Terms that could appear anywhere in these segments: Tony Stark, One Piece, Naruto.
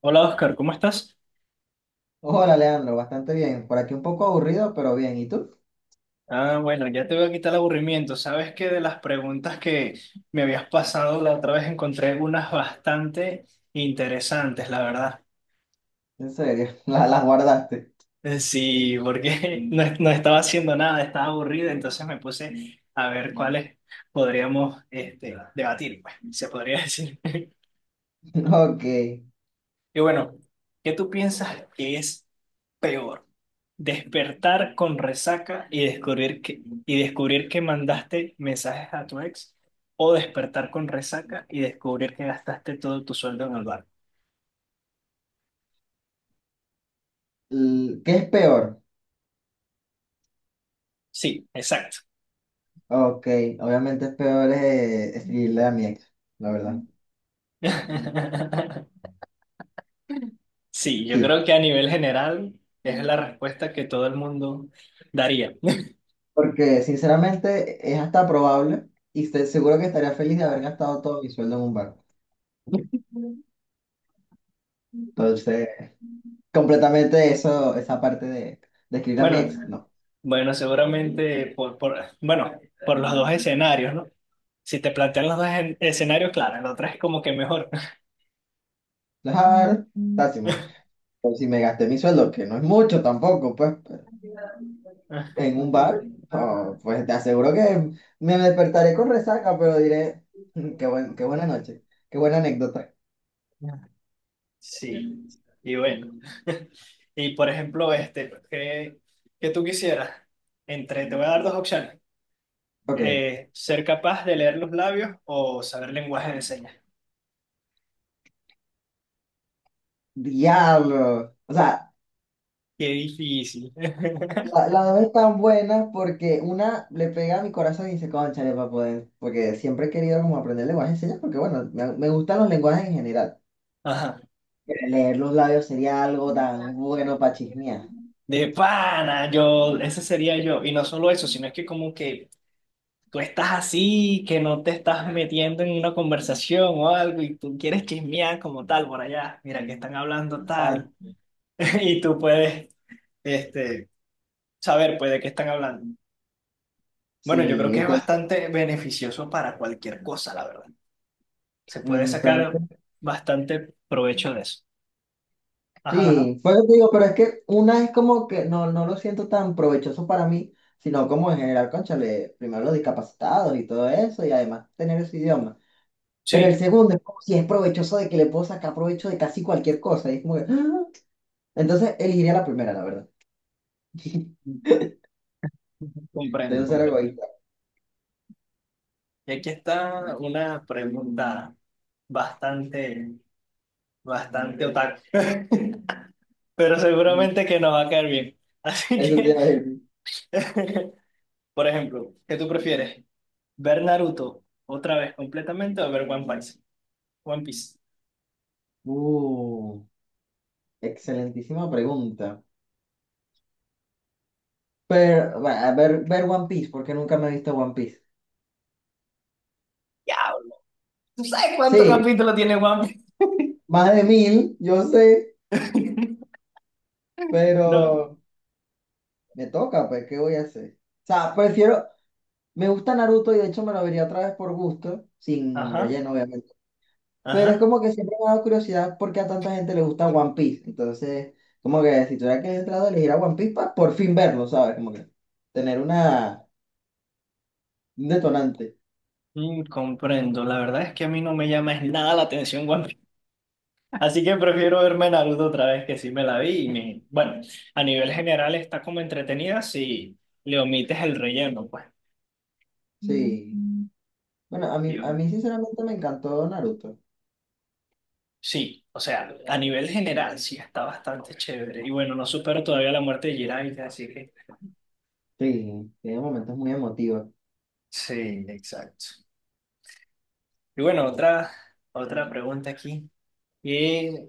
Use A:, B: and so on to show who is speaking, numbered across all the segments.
A: Hola Oscar, ¿cómo estás?
B: Hola, Leandro, bastante bien. Por aquí un poco aburrido, pero bien. ¿Y tú?
A: Ah, bueno, ya te voy a quitar el aburrimiento. Sabes que de las preguntas que me habías pasado la otra vez encontré unas bastante interesantes, la verdad.
B: En serio, las guardaste.
A: Sí, porque no estaba haciendo nada, estaba aburrido, entonces me puse a ver cuáles podríamos debatir, pues, se podría decir.
B: Ok.
A: Y bueno, ¿qué tú piensas que es peor? ¿Despertar con resaca y descubrir que mandaste mensajes a tu ex? ¿O despertar con resaca y descubrir que gastaste todo tu sueldo en el bar?
B: L- ¿Qué es peor?
A: Sí, exacto.
B: Ok, obviamente es peor escribirle a mi ex, la verdad.
A: Sí, yo
B: Sí,
A: creo que a nivel general es la respuesta que todo el mundo daría.
B: porque sinceramente es hasta probable y estoy seguro que estaría feliz de haber gastado todo mi sueldo en un bar. Entonces, completamente eso, esa parte de escribir a mi
A: Bueno,
B: ex, no.
A: bueno, seguramente por por los dos escenarios, ¿no? Si te plantean los dos escenarios, claro, el otro es como que mejor.
B: Dejar, o sea, si me, o si me gasté mi sueldo, que no es mucho tampoco, pues. En un bar, oh, pues te aseguro que me despertaré con resaca, pero diré, qué buena noche, qué buena anécdota.
A: Sí, y bueno. Y por ejemplo, pues, ¿qué tú quisieras? Entre, te voy a dar dos opciones.
B: Ok,
A: Ser capaz de leer los labios o saber lenguaje de señas.
B: diablo. O sea,
A: Qué difícil.
B: la dos es tan buena porque una le pega a mi corazón y dice, cónchale, para poder, porque siempre he querido como aprender lenguaje de señas, porque bueno, me gustan los lenguajes en general.
A: Ajá.
B: Pero leer los labios sería algo tan bueno para chismear.
A: De pana, yo, ese sería yo. Y no solo eso, sino es que como que tú estás así, que no te estás metiendo en una conversación o algo y tú quieres chismear como tal por allá. Mira, que están hablando
B: Ah,
A: tal. Y tú puedes, este saber pues de qué están hablando. Bueno, yo creo
B: sí,
A: que es bastante beneficioso para cualquier cosa, la verdad. Se puede sacar
B: entonces
A: bastante provecho de eso. Ajá, ajá.
B: sí, pues digo, pero es que una es como que no, no lo siento tan provechoso para mí, sino como en general, cónchale, primero los discapacitados y todo eso, y además tener ese idioma. Pero el
A: Sí,
B: segundo es como si es provechoso de que le puedo sacar provecho de casi cualquier cosa, y es como que, ¡ah! Entonces elegiría la primera, la verdad.
A: comprendo,
B: Entonces ser
A: comprendo.
B: egoísta.
A: Y aquí está una pregunta bastante, bastante otaku, pero
B: Ujú.
A: seguramente que nos va a caer bien. Así
B: Eso te
A: que,
B: iba a decir.
A: por ejemplo, ¿qué tú prefieres? ¿Ver Naruto otra vez completamente o ver One Piece? One Piece.
B: Uh, excelentísima pregunta. Pero, bueno, a ver, ver One Piece, porque nunca me he visto One Piece.
A: Diablo. ¿Tú sabes cuánto
B: Sí,
A: capítulo tiene One
B: más de mil, yo sé,
A: Piece? No,
B: pero... Me toca, pues, ¿qué voy a hacer? O sea, prefiero, me gusta Naruto y de hecho me lo vería otra vez por gusto, sin
A: ajá,
B: relleno, obviamente. Pero es
A: ajá.
B: como que siempre me ha dado curiosidad porque a tanta gente le gusta One Piece. Entonces, como que si tuviera que entrar a elegir a One Piece para por fin verlo, ¿sabes? Como que tener una, un detonante.
A: Mm, comprendo. La verdad es que a mí no me llama es nada la atención One Piece. Así que prefiero verme Naruto otra vez que sí me la vi. Y me... Bueno, a nivel general está como entretenida si le omites el relleno, pues.
B: Sí. Mm. Bueno,
A: Y
B: a
A: bueno,
B: mí sinceramente me encantó Naruto.
A: sí, o sea, a nivel general sí está bastante chévere. Y bueno, no supero todavía la muerte de Jiraiya, así que.
B: Sí, tiene momentos muy emotivos.
A: Sí, exacto. Y bueno, otra pregunta aquí. ¿Qué,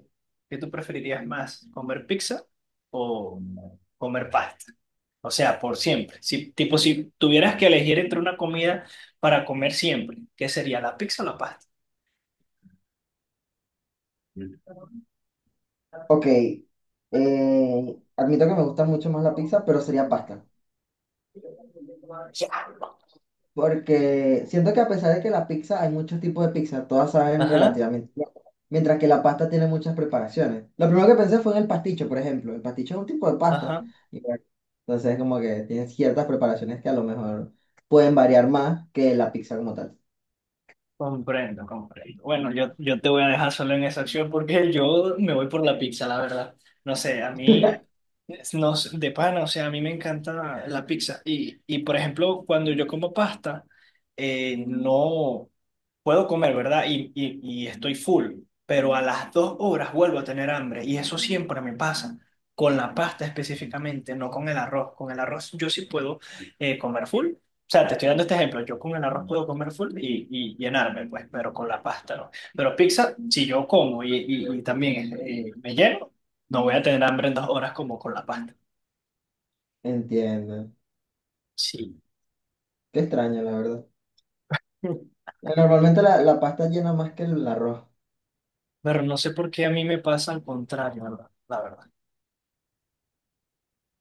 A: ¿qué tú preferirías más? ¿Comer pizza o comer pasta? O sea, por siempre. Si, tipo, si tuvieras que elegir entre una comida para comer siempre, ¿qué sería, la pizza o la pasta?
B: Ok, admito que me gusta mucho más la pizza, pero sería pasta. Porque siento que a pesar de que la pizza, hay muchos tipos de pizza, todas saben
A: Ajá,
B: relativamente bien, mientras que la pasta tiene muchas preparaciones. Lo primero que pensé fue en el pasticho, por ejemplo. El pasticho es un tipo de pasta.
A: ajá.
B: Y bueno, entonces como que tiene ciertas preparaciones que a lo mejor pueden variar más que la pizza como tal.
A: Comprendo, comprendo. Bueno, yo te voy a dejar solo en esa acción porque yo me voy por la pizza, la verdad. No sé, a mí, no, sé, de pana, o sea, a mí me encanta la pizza. Y por ejemplo, cuando yo como pasta, no puedo comer, ¿verdad? Y estoy full, pero a las dos horas vuelvo a tener hambre. Y eso siempre me pasa, con la pasta específicamente, no con el arroz. Con el arroz yo sí puedo comer full, o sea, te estoy dando este ejemplo. Yo con el arroz puedo comer full y llenarme, pues, pero con la pasta no. Pero pizza, si yo como y también me lleno, no voy a tener hambre en dos horas como con la pasta.
B: Entiendo.
A: Sí.
B: Qué extraño, la verdad. Bueno, normalmente la pasta llena más que el arroz.
A: Pero no sé por qué a mí me pasa al contrario, la verdad.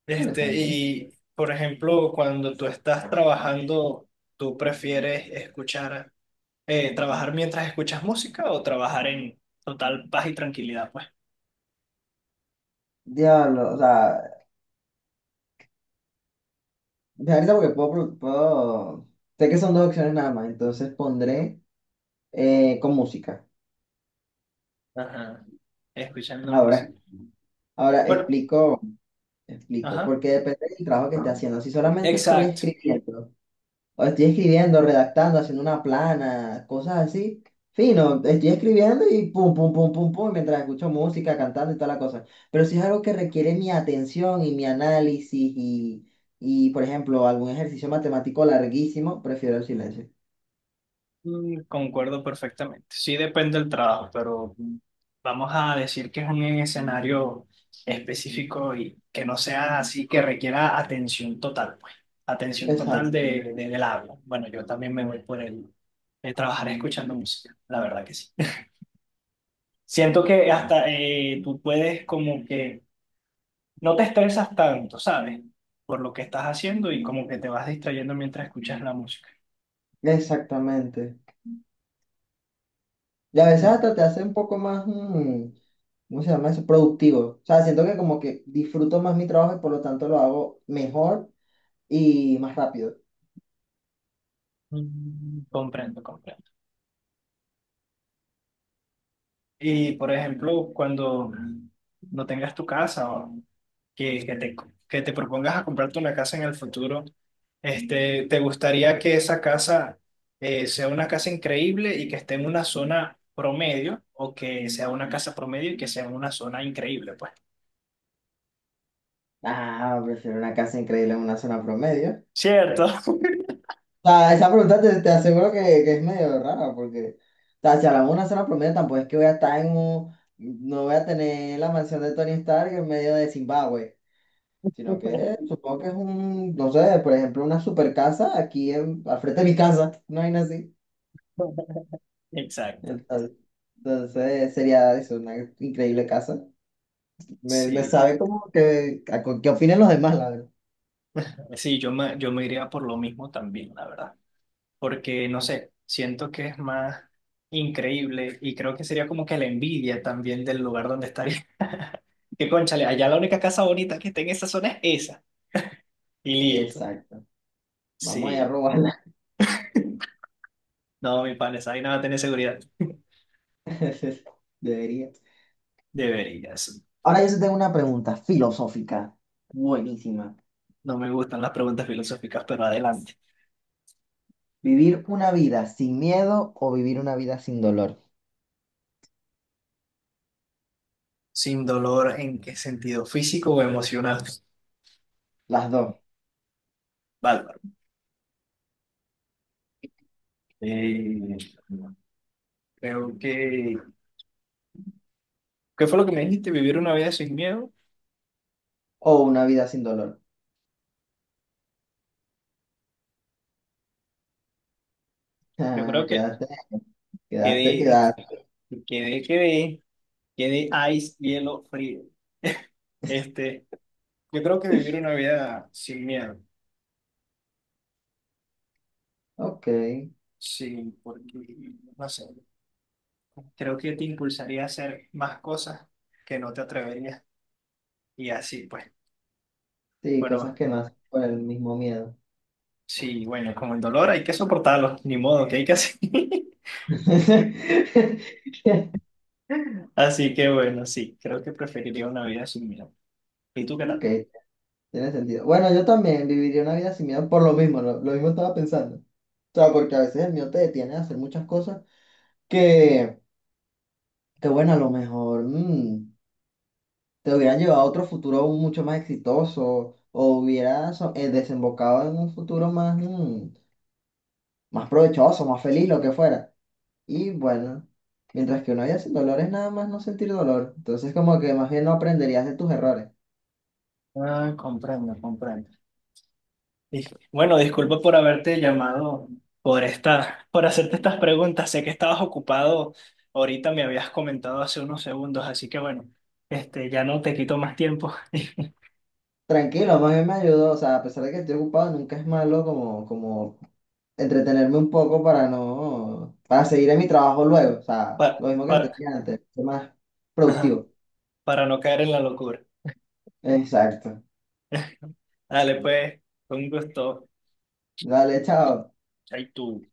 A: Este,
B: Interesante.
A: y por ejemplo, cuando tú estás trabajando, ¿tú prefieres escuchar, trabajar mientras escuchas música o trabajar en total paz y tranquilidad, pues?
B: Diablo, o sea, me da risa porque puedo, Sé que son dos opciones nada más, entonces pondré con música.
A: Ajá. Escuchando
B: Ahora,
A: música.
B: ahora
A: Bueno,
B: explico, explico,
A: ajá.
B: porque depende del trabajo que esté haciendo. Si solamente estoy
A: Exacto.
B: escribiendo, o estoy escribiendo, redactando, haciendo una plana, cosas así, fino, estoy escribiendo y pum, pum, pum, pum, pum, mientras escucho música, cantando y toda la cosa. Pero si es algo que requiere mi atención y mi análisis y por ejemplo, algún ejercicio matemático larguísimo, prefiero el silencio.
A: Mm, concuerdo perfectamente. Sí depende del trabajo, pero mm, vamos a decir que es un escenario específico y que no sea así, que requiera atención total, pues. Atención total
B: Exacto,
A: del habla. Bueno, yo también me voy por el trabajar escuchando música, la verdad que sí. Siento que hasta tú puedes como que no te estresas tanto, ¿sabes? Por lo que estás haciendo y como que te vas distrayendo mientras escuchas la música.
B: exactamente. Y a veces hasta te hace un poco más, mm, ¿cómo se llama eso? Productivo. O sea, siento que como que disfruto más mi trabajo y por lo tanto lo hago mejor y más rápido.
A: Mm, comprendo, comprendo. Y por ejemplo, cuando no tengas tu casa o que, que te, que te propongas a comprarte una casa en el futuro, ¿te gustaría que esa casa sea una casa increíble y que esté en una zona promedio o que sea una casa promedio y que sea en una zona increíble? Pues,
B: Ah, prefiero una casa increíble en una zona promedio.
A: ¿cierto?
B: O sea, esa pregunta te aseguro que es medio rara porque, o sea, si hablamos de una zona promedio tampoco es que voy a estar en un, no voy a tener la mansión de Tony Stark en medio de Zimbabue. Sino que supongo que es un, no sé, por ejemplo, una super casa aquí en, al frente de mi casa, no hay así.
A: Exacto.
B: Entonces, Entonces, sería eso, una increíble casa.
A: Sí,
B: Me sabe como que, a co- qué opinan los demás, la verdad.
A: sí, yo me iría por lo mismo también, la verdad. Porque no sé, siento que es más increíble y creo que sería como que la envidia también del lugar donde estaría. Que cónchale, allá la única casa bonita que está en esa zona es esa. Y listo.
B: Exacto. Vamos a ir a
A: Sí.
B: robarla.
A: No, mi pan, esa vaina va a tener seguridad.
B: Debería.
A: Deberías.
B: Ahora yo sí tengo una pregunta filosófica. Buenísima.
A: No me gustan las preguntas filosóficas, pero adelante.
B: ¿Vivir una vida sin miedo o vivir una vida sin dolor?
A: ¿Sin dolor en qué sentido? ¿Físico o emocional?
B: Las dos.
A: Bárbaro. Eh, creo que... ¿Qué fue lo que me dijiste? ¿Vivir una vida sin miedo?
B: O una vida sin dolor.
A: Yo
B: Ah,
A: creo que
B: quédate, quédate,
A: quedé,
B: quédate.
A: quedé. Que de ice, hielo, frío. Este, yo creo que vivir una vida sin miedo,
B: Ok.
A: sí, porque, no sé, creo que te impulsaría a hacer más cosas que no te atreverías. Y así, pues,
B: Sí, cosas
A: bueno,
B: que nacen por el mismo miedo.
A: sí, bueno, como el dolor hay que soportarlo, ni modo, que hay que hacer? Así que bueno, sí, creo que preferiría una vida sin miedo. ¿Y tú qué
B: Ok.
A: tal?
B: Tiene sentido. Bueno, yo también viviría una vida sin miedo por lo mismo, lo mismo estaba pensando. O sea, porque a veces el miedo te detiene a hacer muchas cosas que, que bueno, a lo mejor mm, te hubieran llevado a otro futuro mucho más exitoso o hubieras desembocado en un futuro más, mm, más provechoso, más feliz, lo que fuera. Y bueno, mientras que una vida sin dolor es nada más no sentir dolor. Entonces como que más bien no aprenderías de tus errores.
A: Ah, comprendo, comprendo. Bueno, disculpa por haberte llamado, por hacerte estas preguntas. Sé que estabas ocupado. Ahorita me habías comentado hace unos segundos, así que bueno, este, ya no te quito más tiempo.
B: Tranquilo, más bien me ayudó. O sea, a pesar de que estoy ocupado, nunca es malo como, como entretenerme un poco para no, para seguir en mi trabajo luego, o sea,
A: para,
B: lo mismo que te
A: para,
B: dije antes, ser más
A: ajá,
B: productivo.
A: para no caer en la locura.
B: Exacto.
A: Dale, pues, con gusto.
B: Dale, chao.
A: Ahí tú.